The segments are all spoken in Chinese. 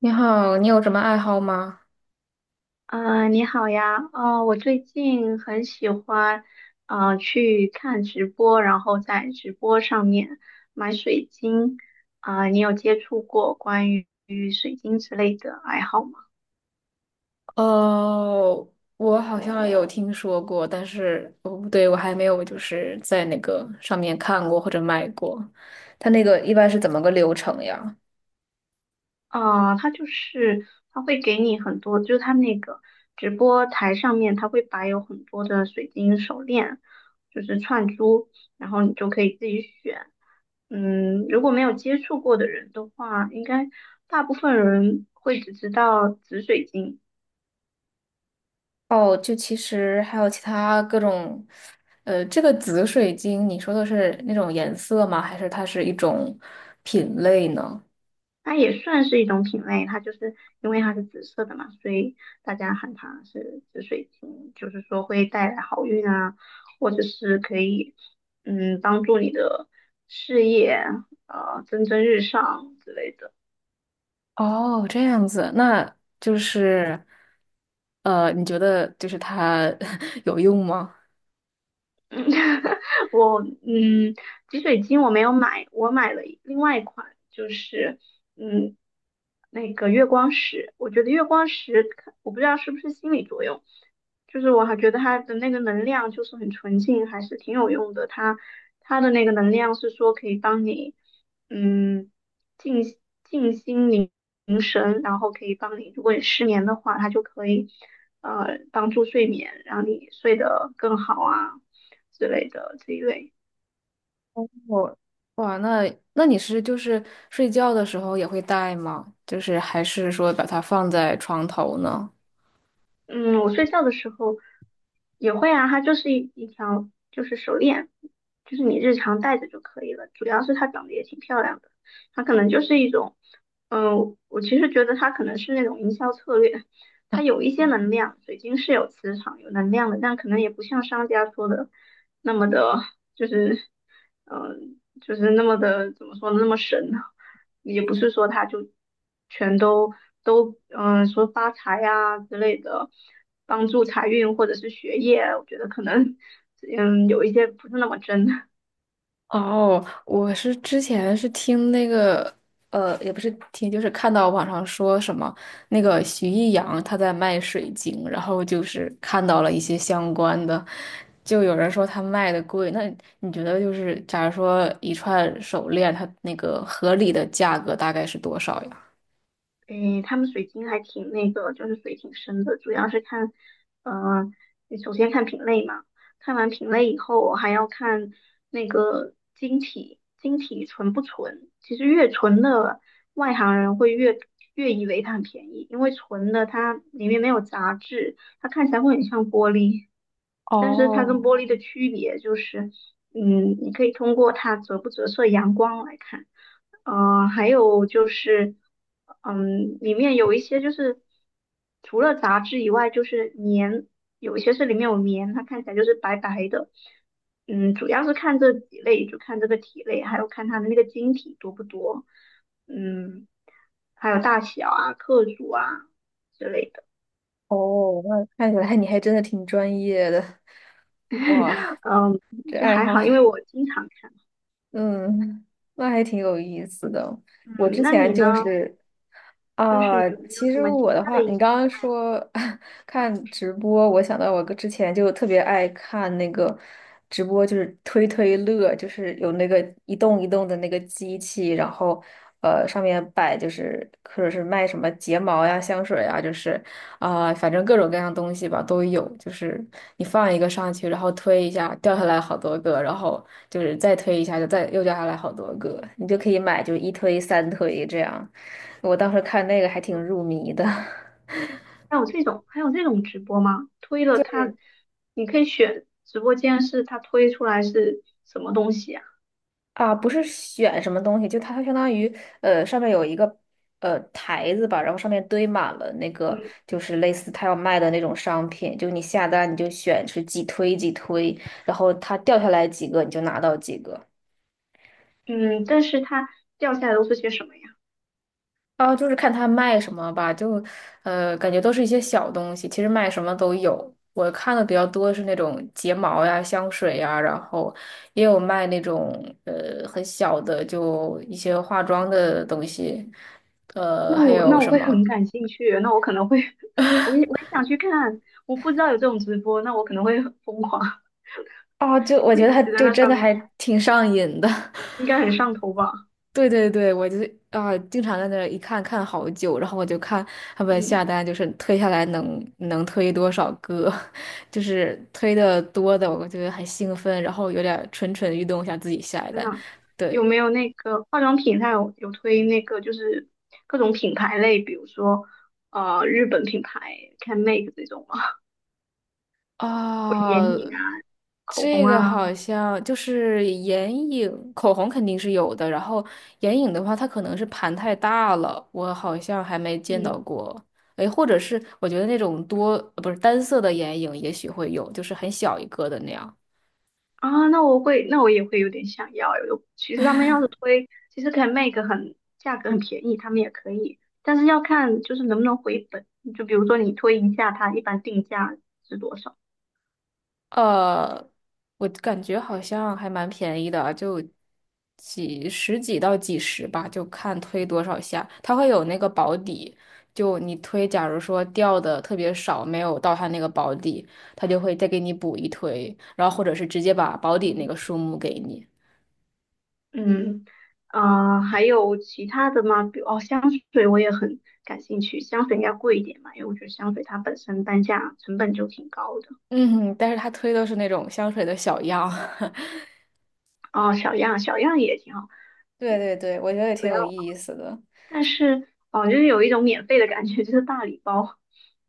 你好，你有什么爱好吗？你好呀，我最近很喜欢，去看直播，然后在直播上面买水晶。啊，你有接触过关于水晶之类的爱好吗？哦，我好像有听说过，但是不对，我还没有就是在那个上面看过或者买过。它那个一般是怎么个流程呀？啊，它就是它会给你很多，它那个直播台上面，它会摆有很多的水晶手链，就是串珠，然后你就可以自己选。嗯，如果没有接触过的人的话，应该大部分人会只知道紫水晶。哦，就其实还有其他各种，这个紫水晶，你说的是那种颜色吗？还是它是一种品类呢？它也算是一种品类，它就是因为它是紫色的嘛，所以大家喊它是紫水晶，就是说会带来好运啊，或者是可以帮助你的事业蒸蒸日上之类的。哦，这样子，那就是，你觉得就是它 有用吗？嗯，我嗯，挤水晶我没有买，我买了另外一款，就是嗯，那个月光石。我觉得月光石看我不知道是不是心理作用，就是我还觉得它的那个能量就是很纯净，还是挺有用的。它的那个能量是说可以帮你嗯静静心凝神，然后可以帮你，如果你失眠的话，它就可以帮助睡眠，让你睡得更好啊，之类的这一类。我哇，那那你睡觉的时候也会戴吗？就是还是说把它放在床头呢？嗯，我睡觉的时候也会啊，它就是一条就是手链，就是你日常戴着就可以了。主要是它长得也挺漂亮的，它可能就是一种，我其实觉得它可能是那种营销策略。它有一些能量，水晶是有磁场、有能量的，但可能也不像商家说的那么的，就是，那么的怎么说呢，那么神呢。也不是说它就全都都，说发财呀、之类的，帮助财运或者是学业，我觉得可能，嗯，有一些不是那么真。哦，我是之前是听那个也不是听，就是看到网上说什么那个徐艺洋他在卖水晶，然后就是看到了一些相关的，就有人说他卖的贵。那你觉得就是假如说一串手链，它那个合理的价格大概是多少呀？诶，他们水晶还挺那个，就是水挺深的。主要是看，呃，你首先看品类嘛，看完品类以后，我还要看那个晶体，晶体纯不纯。其实越纯的，外行人会越以为它很便宜，因为纯的它里面没有杂质，它看起来会很像玻璃。但是它跟哦，玻璃的区别就是，嗯，你可以通过它折不折射阳光来看。还有就是，嗯，里面有一些就是除了杂质以外，就是棉，有一些是里面有棉，它看起来就是白白的。嗯，主要是看这几类，就看这个体类，还有看它的那个晶体多不多，嗯，还有大小啊、克数啊之类的。哦，那看起来你还真的挺专业的，哇，嗯，这就爱还好，好，因为我经常看。嗯，那还挺有意思的。我嗯，之那前你呢？就是，就是啊、有没有其什实么其我的他话，的一你些？刚刚说 看直播，我想到我之前就特别爱看那个直播，就是推推乐，就是有那个一动一动的那个机器，然后。上面。边摆，就是或者是卖什么睫毛呀、香水呀，就是啊、反正各种各样东西吧都有。就是你放一个上去，然后推一下，掉下来好多个，然后就是再推一下，就再又掉下来好多个，你就可以买，就一推三推这样。我当时看那个还挺入迷的。还有这种直播吗？推了对。它，你可以选直播间是它推出来是什么东西呀、啊，不是选什么东西，就它相当于上面有一个台子吧，然后上面堆满了那个嗯。就是类似它要卖的那种商品，就你下单你就选是几推几推，然后它掉下来几个你就拿到几个。嗯，但是它掉下来都是些什么呀？啊，就是看他卖什么吧，就，感觉都是一些小东西，其实卖什么都有。我看的比较多是那种睫毛呀、香水呀，然后也有卖那种很小的，就一些化妆的东西，呃，还有那我什会么？很感兴趣，那我可能会，我也想去看。我不知道有这种直播，那我可能会很疯狂，哦，就 我会觉得一他直在就那真上的面还看，挺上瘾的。应该很上头吧？对对对，我就是啊，经常在那儿一看看好久，然后我就看他们嗯，下单，就是推下来能推多少个，就是推的多的，我觉得很兴奋，然后有点蠢蠢欲动，想自己下一真单。的。有对，没有那个化妆品？它有推那个就是各种品牌类，比如说日本品牌 CanMake 这种吗？啊，口红这个啊，好像就是眼影，口红肯定是有的。然后眼影的话，它可能是盘太大了，我好像还没见到嗯。过。哎，或者是我觉得那种多，不是单色的眼影，也许会有，就是很小一个的那样。啊，那我会，那我也会有点想要诶。有其实他们要是推，其实可以卖个很价格很便宜，他们也可以，但是要看就是能不能回本。就比如说你推一下，它一般定价是多少？呃，我感觉好像还蛮便宜的啊，就几十几到几十吧，就看推多少下。它会有那个保底，就你推，假如说掉的特别少，没有到它那个保底，它就会再给你补一推，然后或者是直接把保底那嗯。个数目给你。嗯，呃，还有其他的吗？比如哦，香水我也很感兴趣，香水应该贵一点嘛，因为我觉得香水它本身单价成本就挺高的。嗯，但是它推的是那种香水的小样。哦，小样，小样也挺好，对对对，我觉得也主挺有要意思的。但是哦，就是有一种免费的感觉，就是大礼包。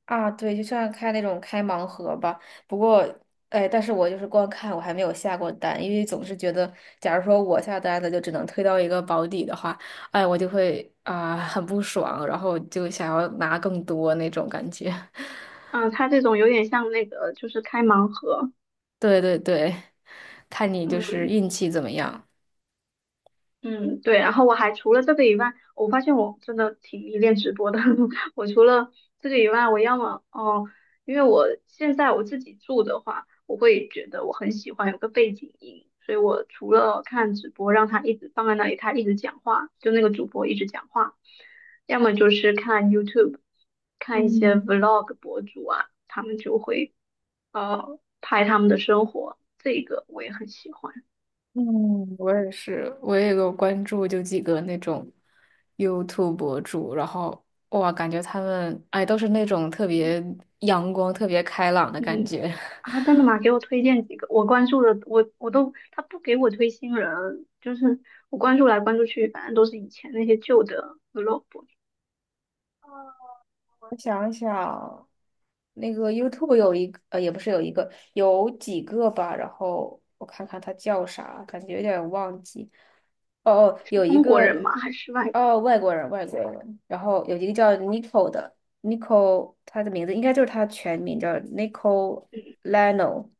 啊，对，就像开那种开盲盒吧。不过，哎，但是我就是光看，我还没有下过单，因为总是觉得，假如说我下单的就只能推到一个保底的话，哎，我就会啊、很不爽，然后就想要拿更多那种感觉。嗯，他这种有点像那个，就是开盲盒。对对对，看你就嗯，是运气怎么样。嗯，对，然后我还除了这个以外，我发现我真的挺迷恋直播的。我除了这个以外，我要么哦，因为我现在我自己住的话，我会觉得我很喜欢有个背景音，所以我除了看直播，让他一直放在那里，他一直讲话，就那个主播一直讲话，要么就是看 YouTube，看一些 嗯。Vlog 博主啊，他们就会拍他们的生活，这个我也很喜欢。嗯，我也是，我也有关注，就几个那种 YouTube 博主，然后哇，感觉他们哎都是那种特嗯。别阳光、特别开朗的感嗯。觉。啊，真的吗？给我推荐几个。我关注的，我都他不给我推新人，就是我关注来关注去，反正都是以前那些旧的 vlog。我想想，那个 YouTube 有一个，也不是有一个，有几个吧。然后我看看他叫啥，感觉有点忘记。哦哦，是有一中国人个，吗？还是外国？哦，外国人，外国人。然后有一个叫 Nico 的，Nico，他的名字应该就是他全名叫 Nicoleno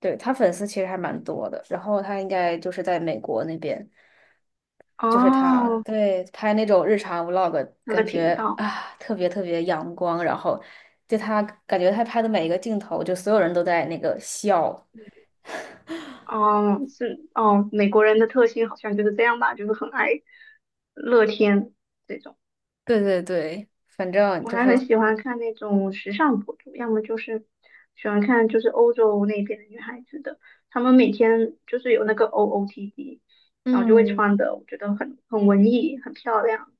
对，他粉丝其实还蛮多的，然后他应该就是在美国那边。就是他，哦，对，拍那种日常 vlog，他的感频觉道，啊特别特别阳光，然后就他感觉他拍的每一个镜头，就所有人都在那个笑，哦，是哦，美国人的特性好像就是这样吧，就是很爱乐天。这种。对对对，反正我就还很是，喜欢看那种时尚博主，要么就是喜欢看就是欧洲那边的女孩子的，她们每天就是有那个 OOTD，然后就会嗯，穿的，我觉得很文艺，很漂亮。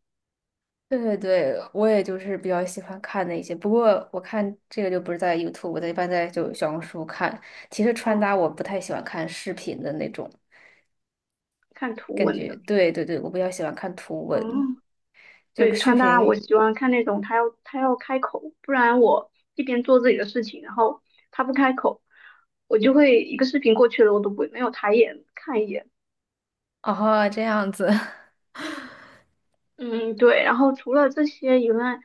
对对对，我也就是比较喜欢看那些，不过我看这个就不是在 YouTube，我一般在就小红书看。其实穿嗯，搭我不太喜欢看视频的那种看图感文觉，的。对对对，我比较喜欢看图文，嗯，就对，视穿搭频，我喜欢看那种她要开口，不然我一边做自己的事情，然后她不开口，我就会一个视频过去了，我都不会没有抬眼看一眼。哦，这样子。嗯，对，然后除了这些以外，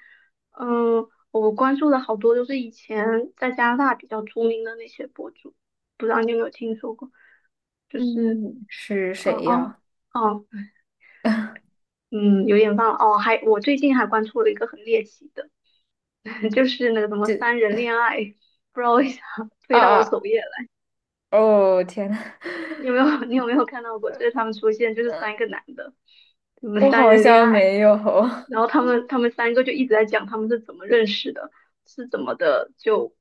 嗯，我关注的好多，都是以前在加拿大比较出名的那些博主，不知道你有没有听说过？就是，嗯，是嗯谁哦呀？哦，嗯，有点忘了哦。还我最近还关注了一个很猎奇的，就是那个什么这三人恋爱，不知道为啥推啊到我啊！首页来。哦天呐，你有没有看到过？就是他们出现，就是三 个男的，什么我三好人恋像爱。没有，然后他们三个就一直在讲他们是怎么认识的，是怎么的就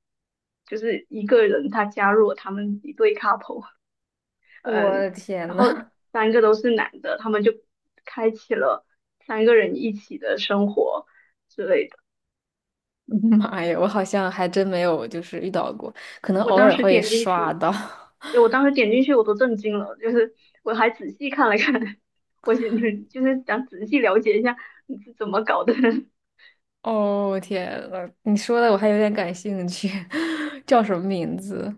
就是一个人他加入了他们一对 couple，我的嗯，天然后呐，三个都是男的，他们就开启了三个人一起的生活之类的。妈呀，我好像还真没有，就是遇到过，可能我偶当尔时会点进刷去，到。对我当时点进去我都震惊了，就是我还仔细看了看，我想就是想仔细了解一下你是怎么搞的。哦天呐，你说的我还有点感兴趣，叫什么名字？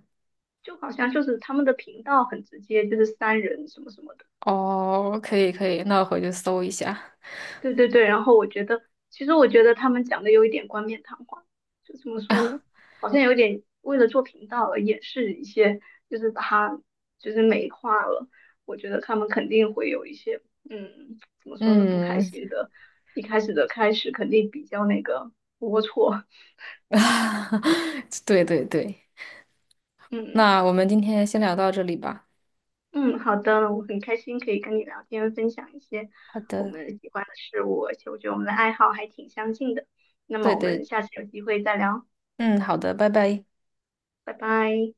就好像就是他们的频道很直接，就是三人什么什么的。哦，可以可以，那我回去搜一下。对对对，然后我觉得，其实我觉得他们讲的有一点冠冕堂皇，就怎么说啊，呢，好像有点为了做频道而掩饰一些，就是把它就是美化了。我觉得他们肯定会有一些，嗯，怎么说呢，不开嗯，心的，一开始的开始肯定比较那个龌龊。对对对，嗯。那我们今天先聊到这里吧。嗯，好的，我很开心可以跟你聊天，分享一些好我的，们喜欢的事物，而且我觉得我们的爱好还挺相近的。那对么我对。们下次有机会再聊，嗯，好的，拜拜。拜拜。